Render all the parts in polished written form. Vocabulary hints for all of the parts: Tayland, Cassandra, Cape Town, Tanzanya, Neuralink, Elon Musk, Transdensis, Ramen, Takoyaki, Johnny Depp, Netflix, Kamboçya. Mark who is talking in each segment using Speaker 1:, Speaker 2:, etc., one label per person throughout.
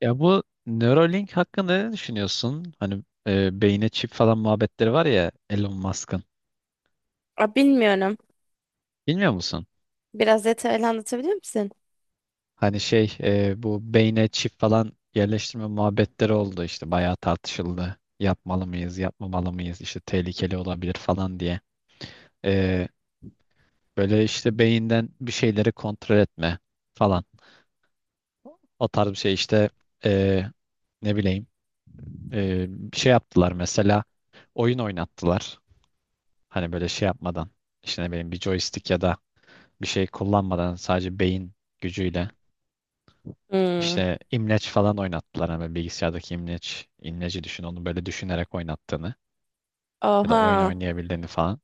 Speaker 1: Ya bu Neuralink hakkında ne düşünüyorsun? Hani beyne çip falan muhabbetleri var ya Elon Musk'ın.
Speaker 2: Aa, bilmiyorum.
Speaker 1: Bilmiyor musun?
Speaker 2: Biraz detaylı anlatabilir misin?
Speaker 1: Hani bu beyne çip falan yerleştirme muhabbetleri oldu işte bayağı tartışıldı. Yapmalı mıyız, yapmamalı mıyız? İşte tehlikeli olabilir falan diye. E, Böyle işte beyinden bir şeyleri kontrol etme falan. O tarz bir şey işte, e, ne bileyim, e, bir şey yaptılar mesela, oyun oynattılar. Hani böyle şey yapmadan, işte ne bileyim, bir joystick ya da bir şey kullanmadan sadece beyin gücüyle
Speaker 2: Hmm.
Speaker 1: işte imleç falan oynattılar. Hani böyle bilgisayardaki imleç, imleci düşün, onu böyle düşünerek oynattığını ya da oyun
Speaker 2: Oha.
Speaker 1: oynayabildiğini falan.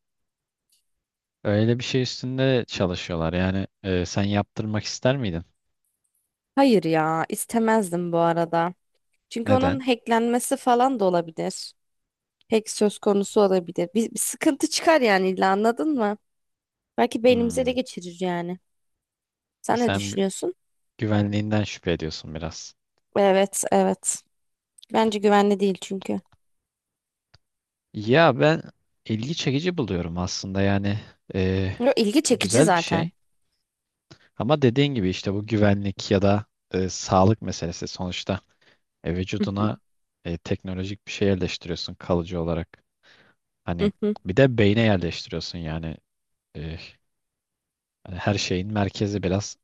Speaker 1: Öyle bir şey üstünde çalışıyorlar. Yani sen yaptırmak ister miydin?
Speaker 2: Hayır ya, istemezdim bu arada. Çünkü onun
Speaker 1: Neden?
Speaker 2: hacklenmesi falan da olabilir. Hack söz konusu olabilir. Bir sıkıntı çıkar yani illa anladın mı? Belki beynimize de
Speaker 1: Hmm.
Speaker 2: geçirir yani. Sen ne
Speaker 1: Sen
Speaker 2: düşünüyorsun?
Speaker 1: güvenliğinden şüphe ediyorsun biraz.
Speaker 2: Evet, evet. Bence güvenli değil çünkü.
Speaker 1: Ya ben ilgi çekici buluyorum aslında, yani e,
Speaker 2: Yo, ilgi çekici
Speaker 1: güzel bir
Speaker 2: zaten.
Speaker 1: şey. Ama dediğin gibi işte bu güvenlik ya da sağlık meselesi sonuçta. Vücuduna teknolojik bir şey yerleştiriyorsun kalıcı olarak. Hani bir de beyne yerleştiriyorsun yani. E, Hani her şeyin merkezi biraz.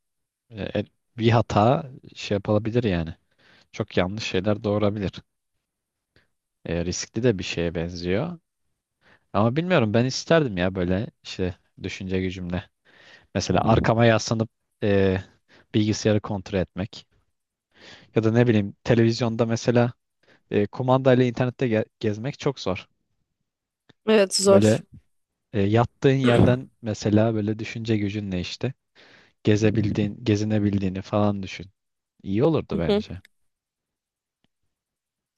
Speaker 1: e, e, Bir hata şey yapılabilir yani. Çok yanlış şeyler doğurabilir. Riskli de bir şeye benziyor. Ama bilmiyorum, ben isterdim ya, böyle işte düşünce gücümle. Mesela arkama yaslanıp e, bilgisayarı kontrol etmek ya da ne bileyim televizyonda mesela kumandayla internette gezmek çok zor.
Speaker 2: Evet zor.
Speaker 1: Böyle yattığın yerden mesela böyle düşünce gücünle işte gezebildiğin, gezinebildiğini falan düşün. İyi olurdu bence.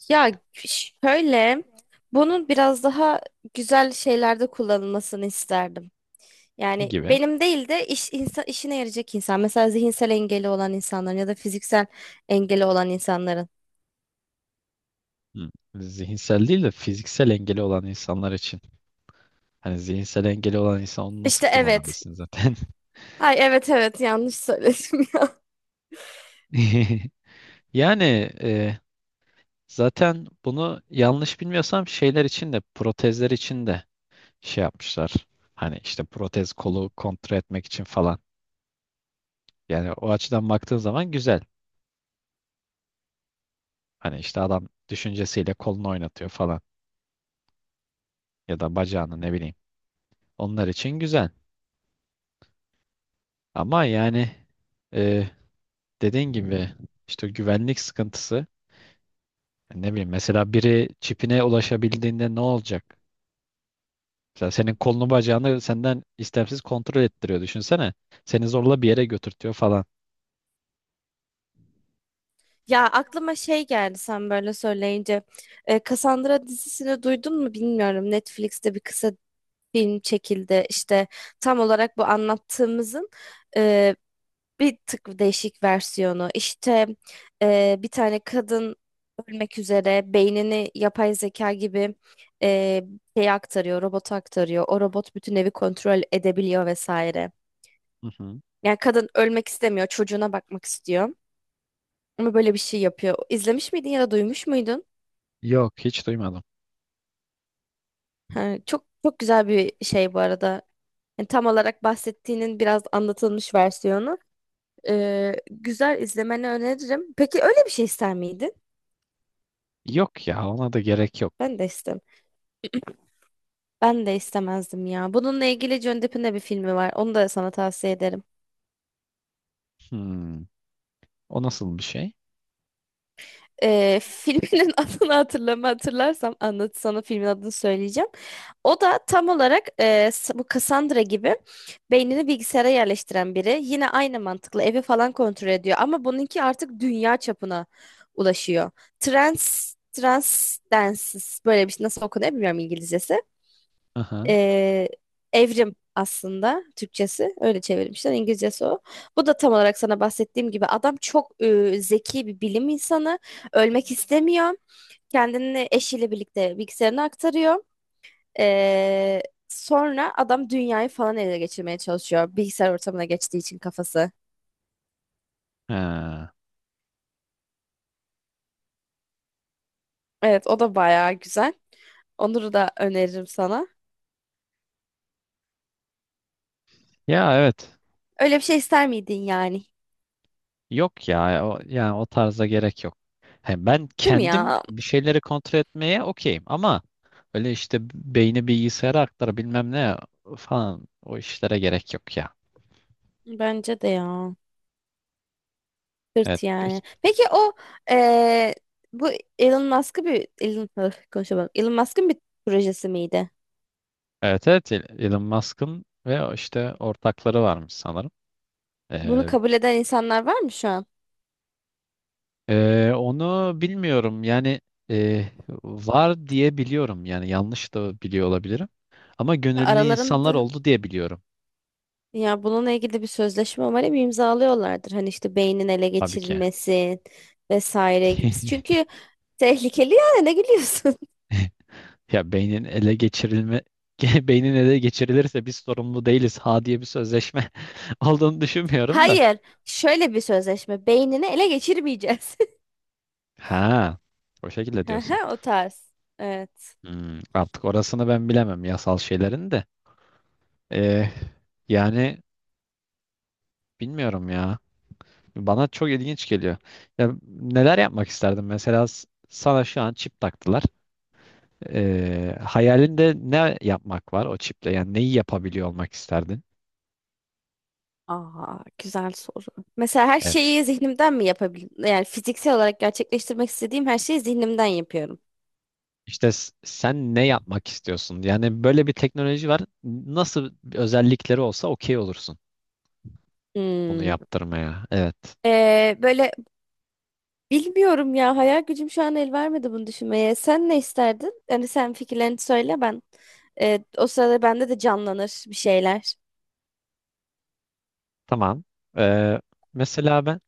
Speaker 2: Ya şöyle, bunun biraz daha güzel şeylerde kullanılmasını isterdim.
Speaker 1: Ne
Speaker 2: Yani
Speaker 1: gibi?
Speaker 2: benim değil de işine yarayacak insan. Mesela zihinsel engeli olan insanların ya da fiziksel engeli olan insanların.
Speaker 1: Hı. Zihinsel değil de fiziksel engeli olan insanlar için. Hani zihinsel engeli olan insan onu nasıl
Speaker 2: İşte evet.
Speaker 1: kullanabilsin zaten?
Speaker 2: Ay evet evet yanlış söyledim ya.
Speaker 1: Yani e, zaten bunu yanlış bilmiyorsam şeyler için de, protezler için de şey yapmışlar. Hani işte protez kolu kontrol etmek için falan. Yani o açıdan baktığın zaman güzel. Hani işte adam düşüncesiyle kolunu oynatıyor falan, ya da bacağını, ne bileyim. Onlar için güzel. Ama yani e, dediğin gibi işte güvenlik sıkıntısı, ne bileyim, mesela biri çipine ulaşabildiğinde ne olacak? Mesela senin kolunu bacağını senden istemsiz kontrol ettiriyor, düşünsene. Seni zorla bir yere götürtüyor falan.
Speaker 2: Ya aklıma şey geldi sen böyle söyleyince. Cassandra dizisini duydun mu bilmiyorum. Netflix'te bir kısa film çekildi. İşte tam olarak bu anlattığımızın e, bir tık değişik versiyonu. İşte bir tane kadın ölmek üzere beynini yapay zeka gibi e, şeye aktarıyor, robota aktarıyor. O robot bütün evi kontrol edebiliyor vesaire.
Speaker 1: Hı hı.
Speaker 2: Yani kadın ölmek istemiyor, çocuğuna bakmak istiyor. Ama böyle bir şey yapıyor. İzlemiş miydin ya da duymuş muydun?
Speaker 1: Yok, hiç duymadım.
Speaker 2: Ha, çok çok güzel bir şey bu arada. Yani tam olarak bahsettiğinin biraz anlatılmış versiyonu. Güzel izlemeni öneririm. Peki öyle bir şey ister miydin?
Speaker 1: Yok ya, ona da gerek yok.
Speaker 2: Ben de istem. Ben de istemezdim ya. Bununla ilgili Johnny Depp'in de bir filmi var. Onu da sana tavsiye ederim.
Speaker 1: Hmm, o nasıl bir şey?
Speaker 2: Filminin adını hatırlarsam anlat sana filmin adını söyleyeceğim. O da tam olarak bu Cassandra gibi beynini bilgisayara yerleştiren biri. Yine aynı mantıkla evi falan kontrol ediyor ama bununki artık dünya çapına ulaşıyor. Transdensis böyle bir şey nasıl okunuyor bilmiyorum İngilizcesi.
Speaker 1: Aha.
Speaker 2: Ee, evrim aslında Türkçesi. Öyle çevirmişler. İngilizcesi o. Bu da tam olarak sana bahsettiğim gibi adam çok zeki bir bilim insanı. Ölmek istemiyor. Kendini eşiyle birlikte bilgisayarına aktarıyor. Ee, sonra adam dünyayı falan ele geçirmeye çalışıyor. Bilgisayar ortamına geçtiği için kafası.
Speaker 1: Ha.
Speaker 2: Evet o da bayağı güzel. Onur'u da öneririm sana.
Speaker 1: Ya evet.
Speaker 2: Öyle bir şey ister miydin yani?
Speaker 1: Yok ya. O, yani o tarza gerek yok. He, ben
Speaker 2: Değil mi
Speaker 1: kendim
Speaker 2: ya?
Speaker 1: bir şeyleri kontrol etmeye okeyim ama öyle işte beyni bilgisayara aktar bilmem ne falan, o işlere gerek yok ya.
Speaker 2: Bence de ya.
Speaker 1: Evet,
Speaker 2: Sırt
Speaker 1: peki.
Speaker 2: yani. Peki o eee, bu Elon Musk'ı bir Elon öf, konuşamadım. Elon Musk'ın bir projesi miydi?
Speaker 1: Evet, evet, Elon Musk'ın, ve o işte ortakları varmış sanırım.
Speaker 2: Bunu
Speaker 1: Ee,
Speaker 2: kabul eden insanlar var mı şu an?
Speaker 1: Onu bilmiyorum yani. e, Var diye biliyorum, yani yanlış da biliyor olabilirim. Ama
Speaker 2: Ya
Speaker 1: gönüllü insanlar
Speaker 2: aralarında
Speaker 1: oldu diye biliyorum,
Speaker 2: ya bununla ilgili bir sözleşme umarım imzalıyorlardır. Hani işte beynin ele
Speaker 1: tabii ki.
Speaker 2: geçirilmesi vesaire gibisi. Çünkü tehlikeli yani ne gülüyorsun?
Speaker 1: Ya beynin ele geçirilme, beynin ele geçirilirse biz sorumlu değiliz ha diye bir sözleşme olduğunu düşünmüyorum da.
Speaker 2: Hayır, şöyle bir sözleşme. Beynini ele geçirmeyeceğiz.
Speaker 1: Ha, o şekilde diyorsun.
Speaker 2: Aha, o tarz. Evet.
Speaker 1: Hmm, artık orasını ben bilemem, yasal şeylerin de. Ee, Yani bilmiyorum ya. Bana çok ilginç geliyor. Ya neler yapmak isterdim? Mesela sana şu an çip taktılar. Hayalinde ne yapmak var o çiple? Yani neyi yapabiliyor olmak isterdin?
Speaker 2: Aa, güzel soru. Mesela her şeyi zihnimden mi yapabilirim? Yani fiziksel olarak gerçekleştirmek istediğim her şeyi zihnimden yapıyorum.
Speaker 1: İşte sen ne yapmak istiyorsun? Yani böyle bir teknoloji var. Nasıl bir özellikleri olsa okey olursun bunu
Speaker 2: Hmm.
Speaker 1: yaptırmaya. Evet.
Speaker 2: Böyle bilmiyorum ya hayal gücüm şu an el vermedi bunu düşünmeye. Sen ne isterdin? Yani sen fikirlerini söyle ben. O sırada bende de canlanır bir şeyler.
Speaker 1: Tamam. Ee, Mesela ben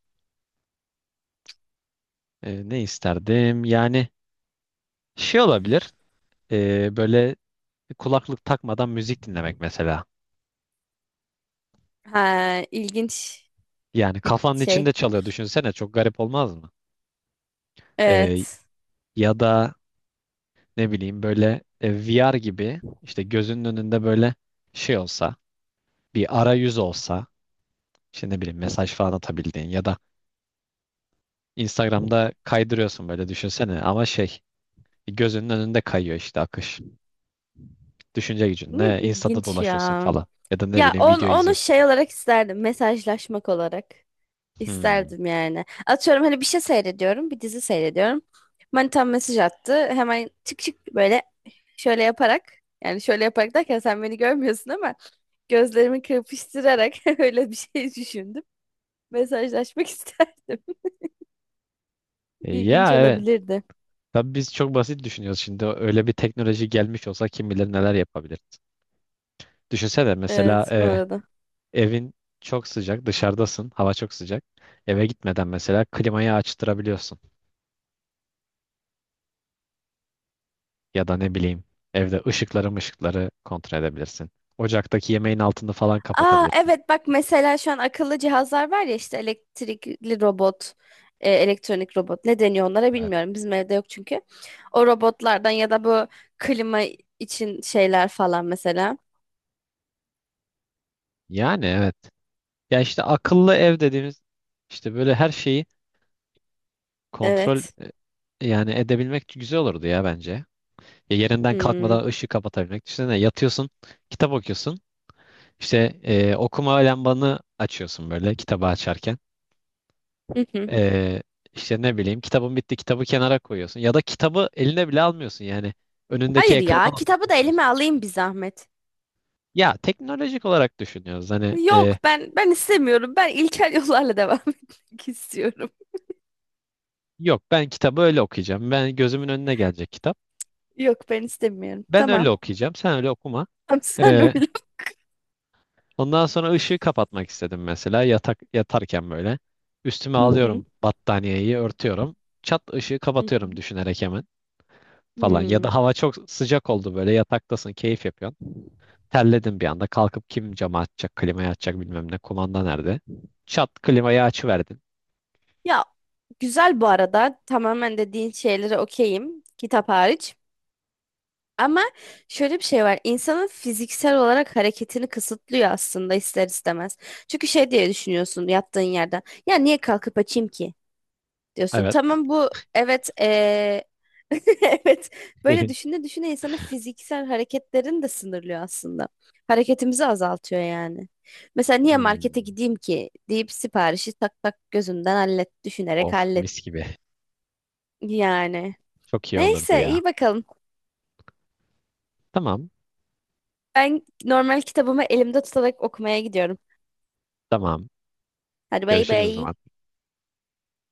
Speaker 1: ne isterdim? Yani şey olabilir. Böyle kulaklık takmadan müzik dinlemek mesela.
Speaker 2: Ha, ilginç
Speaker 1: Yani
Speaker 2: bir
Speaker 1: kafanın içinde
Speaker 2: şey.
Speaker 1: çalıyor. Düşünsene, çok garip olmaz mı? Ee,
Speaker 2: Evet.
Speaker 1: Ya da ne bileyim böyle, VR gibi, işte gözünün önünde böyle şey olsa, bir arayüz olsa, işte ne bileyim mesaj falan atabildiğin, ya da Instagram'da kaydırıyorsun böyle, düşünsene, ama şey, gözünün önünde kayıyor işte akış. Düşünce
Speaker 2: Ne
Speaker 1: gücünle Insta'da
Speaker 2: İlginç
Speaker 1: dolaşıyorsun
Speaker 2: ya.
Speaker 1: falan, ya da ne
Speaker 2: Ya
Speaker 1: bileyim video
Speaker 2: onu
Speaker 1: izliyorsun.
Speaker 2: şey olarak isterdim. Mesajlaşmak olarak.
Speaker 1: Hmm.
Speaker 2: İsterdim yani. Atıyorum hani bir şey seyrediyorum, bir dizi seyrediyorum. Manitam mesaj attı. Hemen çık çık böyle şöyle yaparak yani şöyle yaparak derken sen beni görmüyorsun ama gözlerimi kırpıştırarak öyle bir şey düşündüm. Mesajlaşmak isterdim. İlginç
Speaker 1: Ya evet.
Speaker 2: olabilirdi.
Speaker 1: Tabii biz çok basit düşünüyoruz şimdi. Öyle bir teknoloji gelmiş olsa kim bilir neler yapabiliriz. Düşünsene mesela,
Speaker 2: Evet bu arada.
Speaker 1: evin çok sıcak, dışarıdasın, hava çok sıcak. Eve gitmeden mesela klimayı açtırabiliyorsun. Ya da ne bileyim evde ışıkları kontrol edebilirsin. Ocaktaki yemeğin altını falan
Speaker 2: Aa
Speaker 1: kapatabilirsin.
Speaker 2: evet bak mesela şu an akıllı cihazlar var ya işte elektrikli robot, elektronik robot ne deniyor onlara
Speaker 1: Evet.
Speaker 2: bilmiyorum. Bizim evde yok çünkü. O robotlardan ya da bu klima için şeyler falan mesela.
Speaker 1: Yani evet. Ya işte akıllı ev dediğimiz, işte böyle her şeyi kontrol
Speaker 2: Evet.
Speaker 1: yani edebilmek güzel olurdu ya bence. Ya yerinden
Speaker 2: Hmm.
Speaker 1: kalkmadan ışığı kapatabilmek. Düşünsene, yatıyorsun, kitap okuyorsun. İşte okuma lambanı açıyorsun böyle kitabı açarken.
Speaker 2: Hı hı.
Speaker 1: E, işte ne bileyim, kitabın bitti, kitabı kenara koyuyorsun. Ya da kitabı eline bile almıyorsun yani. Önündeki
Speaker 2: Hayır ya
Speaker 1: ekrana atıp
Speaker 2: kitabı da elime
Speaker 1: okuyorsun.
Speaker 2: alayım bir zahmet.
Speaker 1: Ya teknolojik olarak düşünüyoruz. Hani
Speaker 2: Yok ben istemiyorum. Ben ilkel yollarla devam etmek istiyorum.
Speaker 1: yok, ben kitabı öyle okuyacağım. Ben gözümün önüne gelecek kitap.
Speaker 2: Yok ben istemiyorum.
Speaker 1: Ben
Speaker 2: Tamam.
Speaker 1: öyle okuyacağım. Sen öyle okuma.
Speaker 2: Tamam sen
Speaker 1: Ee,
Speaker 2: öyle.
Speaker 1: Ondan sonra ışığı kapatmak istedim mesela, yatak yatarken böyle. Üstüme
Speaker 2: Hı hı.
Speaker 1: alıyorum battaniyeyi, örtüyorum. Çat, ışığı
Speaker 2: Hı hı.
Speaker 1: kapatıyorum düşünerek hemen falan. Ya
Speaker 2: Hmm.
Speaker 1: da hava çok sıcak oldu, böyle yataktasın, keyif yapıyorsun. Terledim bir anda, kalkıp kim camı açacak, klimayı açacak, bilmem ne, kumanda nerede. Çat, klimayı açıverdin.
Speaker 2: Ya güzel bu arada. Tamamen dediğin şeylere okeyim. Kitap hariç. Ama şöyle bir şey var. İnsanın fiziksel olarak hareketini kısıtlıyor aslında ister istemez. Çünkü şey diye düşünüyorsun yattığın yerden. Ya niye kalkıp açayım ki? Diyorsun.
Speaker 1: Evet.
Speaker 2: Tamam bu evet evet böyle düşüne düşüne insanın fiziksel hareketlerini de sınırlıyor aslında. Hareketimizi azaltıyor yani. Mesela niye markete
Speaker 1: Hmm.
Speaker 2: gideyim ki deyip siparişi tak tak gözünden hallet düşünerek
Speaker 1: Of,
Speaker 2: hallet
Speaker 1: mis gibi.
Speaker 2: yani.
Speaker 1: Çok iyi olurdu
Speaker 2: Neyse
Speaker 1: ya.
Speaker 2: iyi bakalım.
Speaker 1: Tamam,
Speaker 2: Ben normal kitabımı elimde tutarak okumaya gidiyorum.
Speaker 1: tamam.
Speaker 2: Hadi bay
Speaker 1: Görüşürüz o
Speaker 2: bay.
Speaker 1: zaman.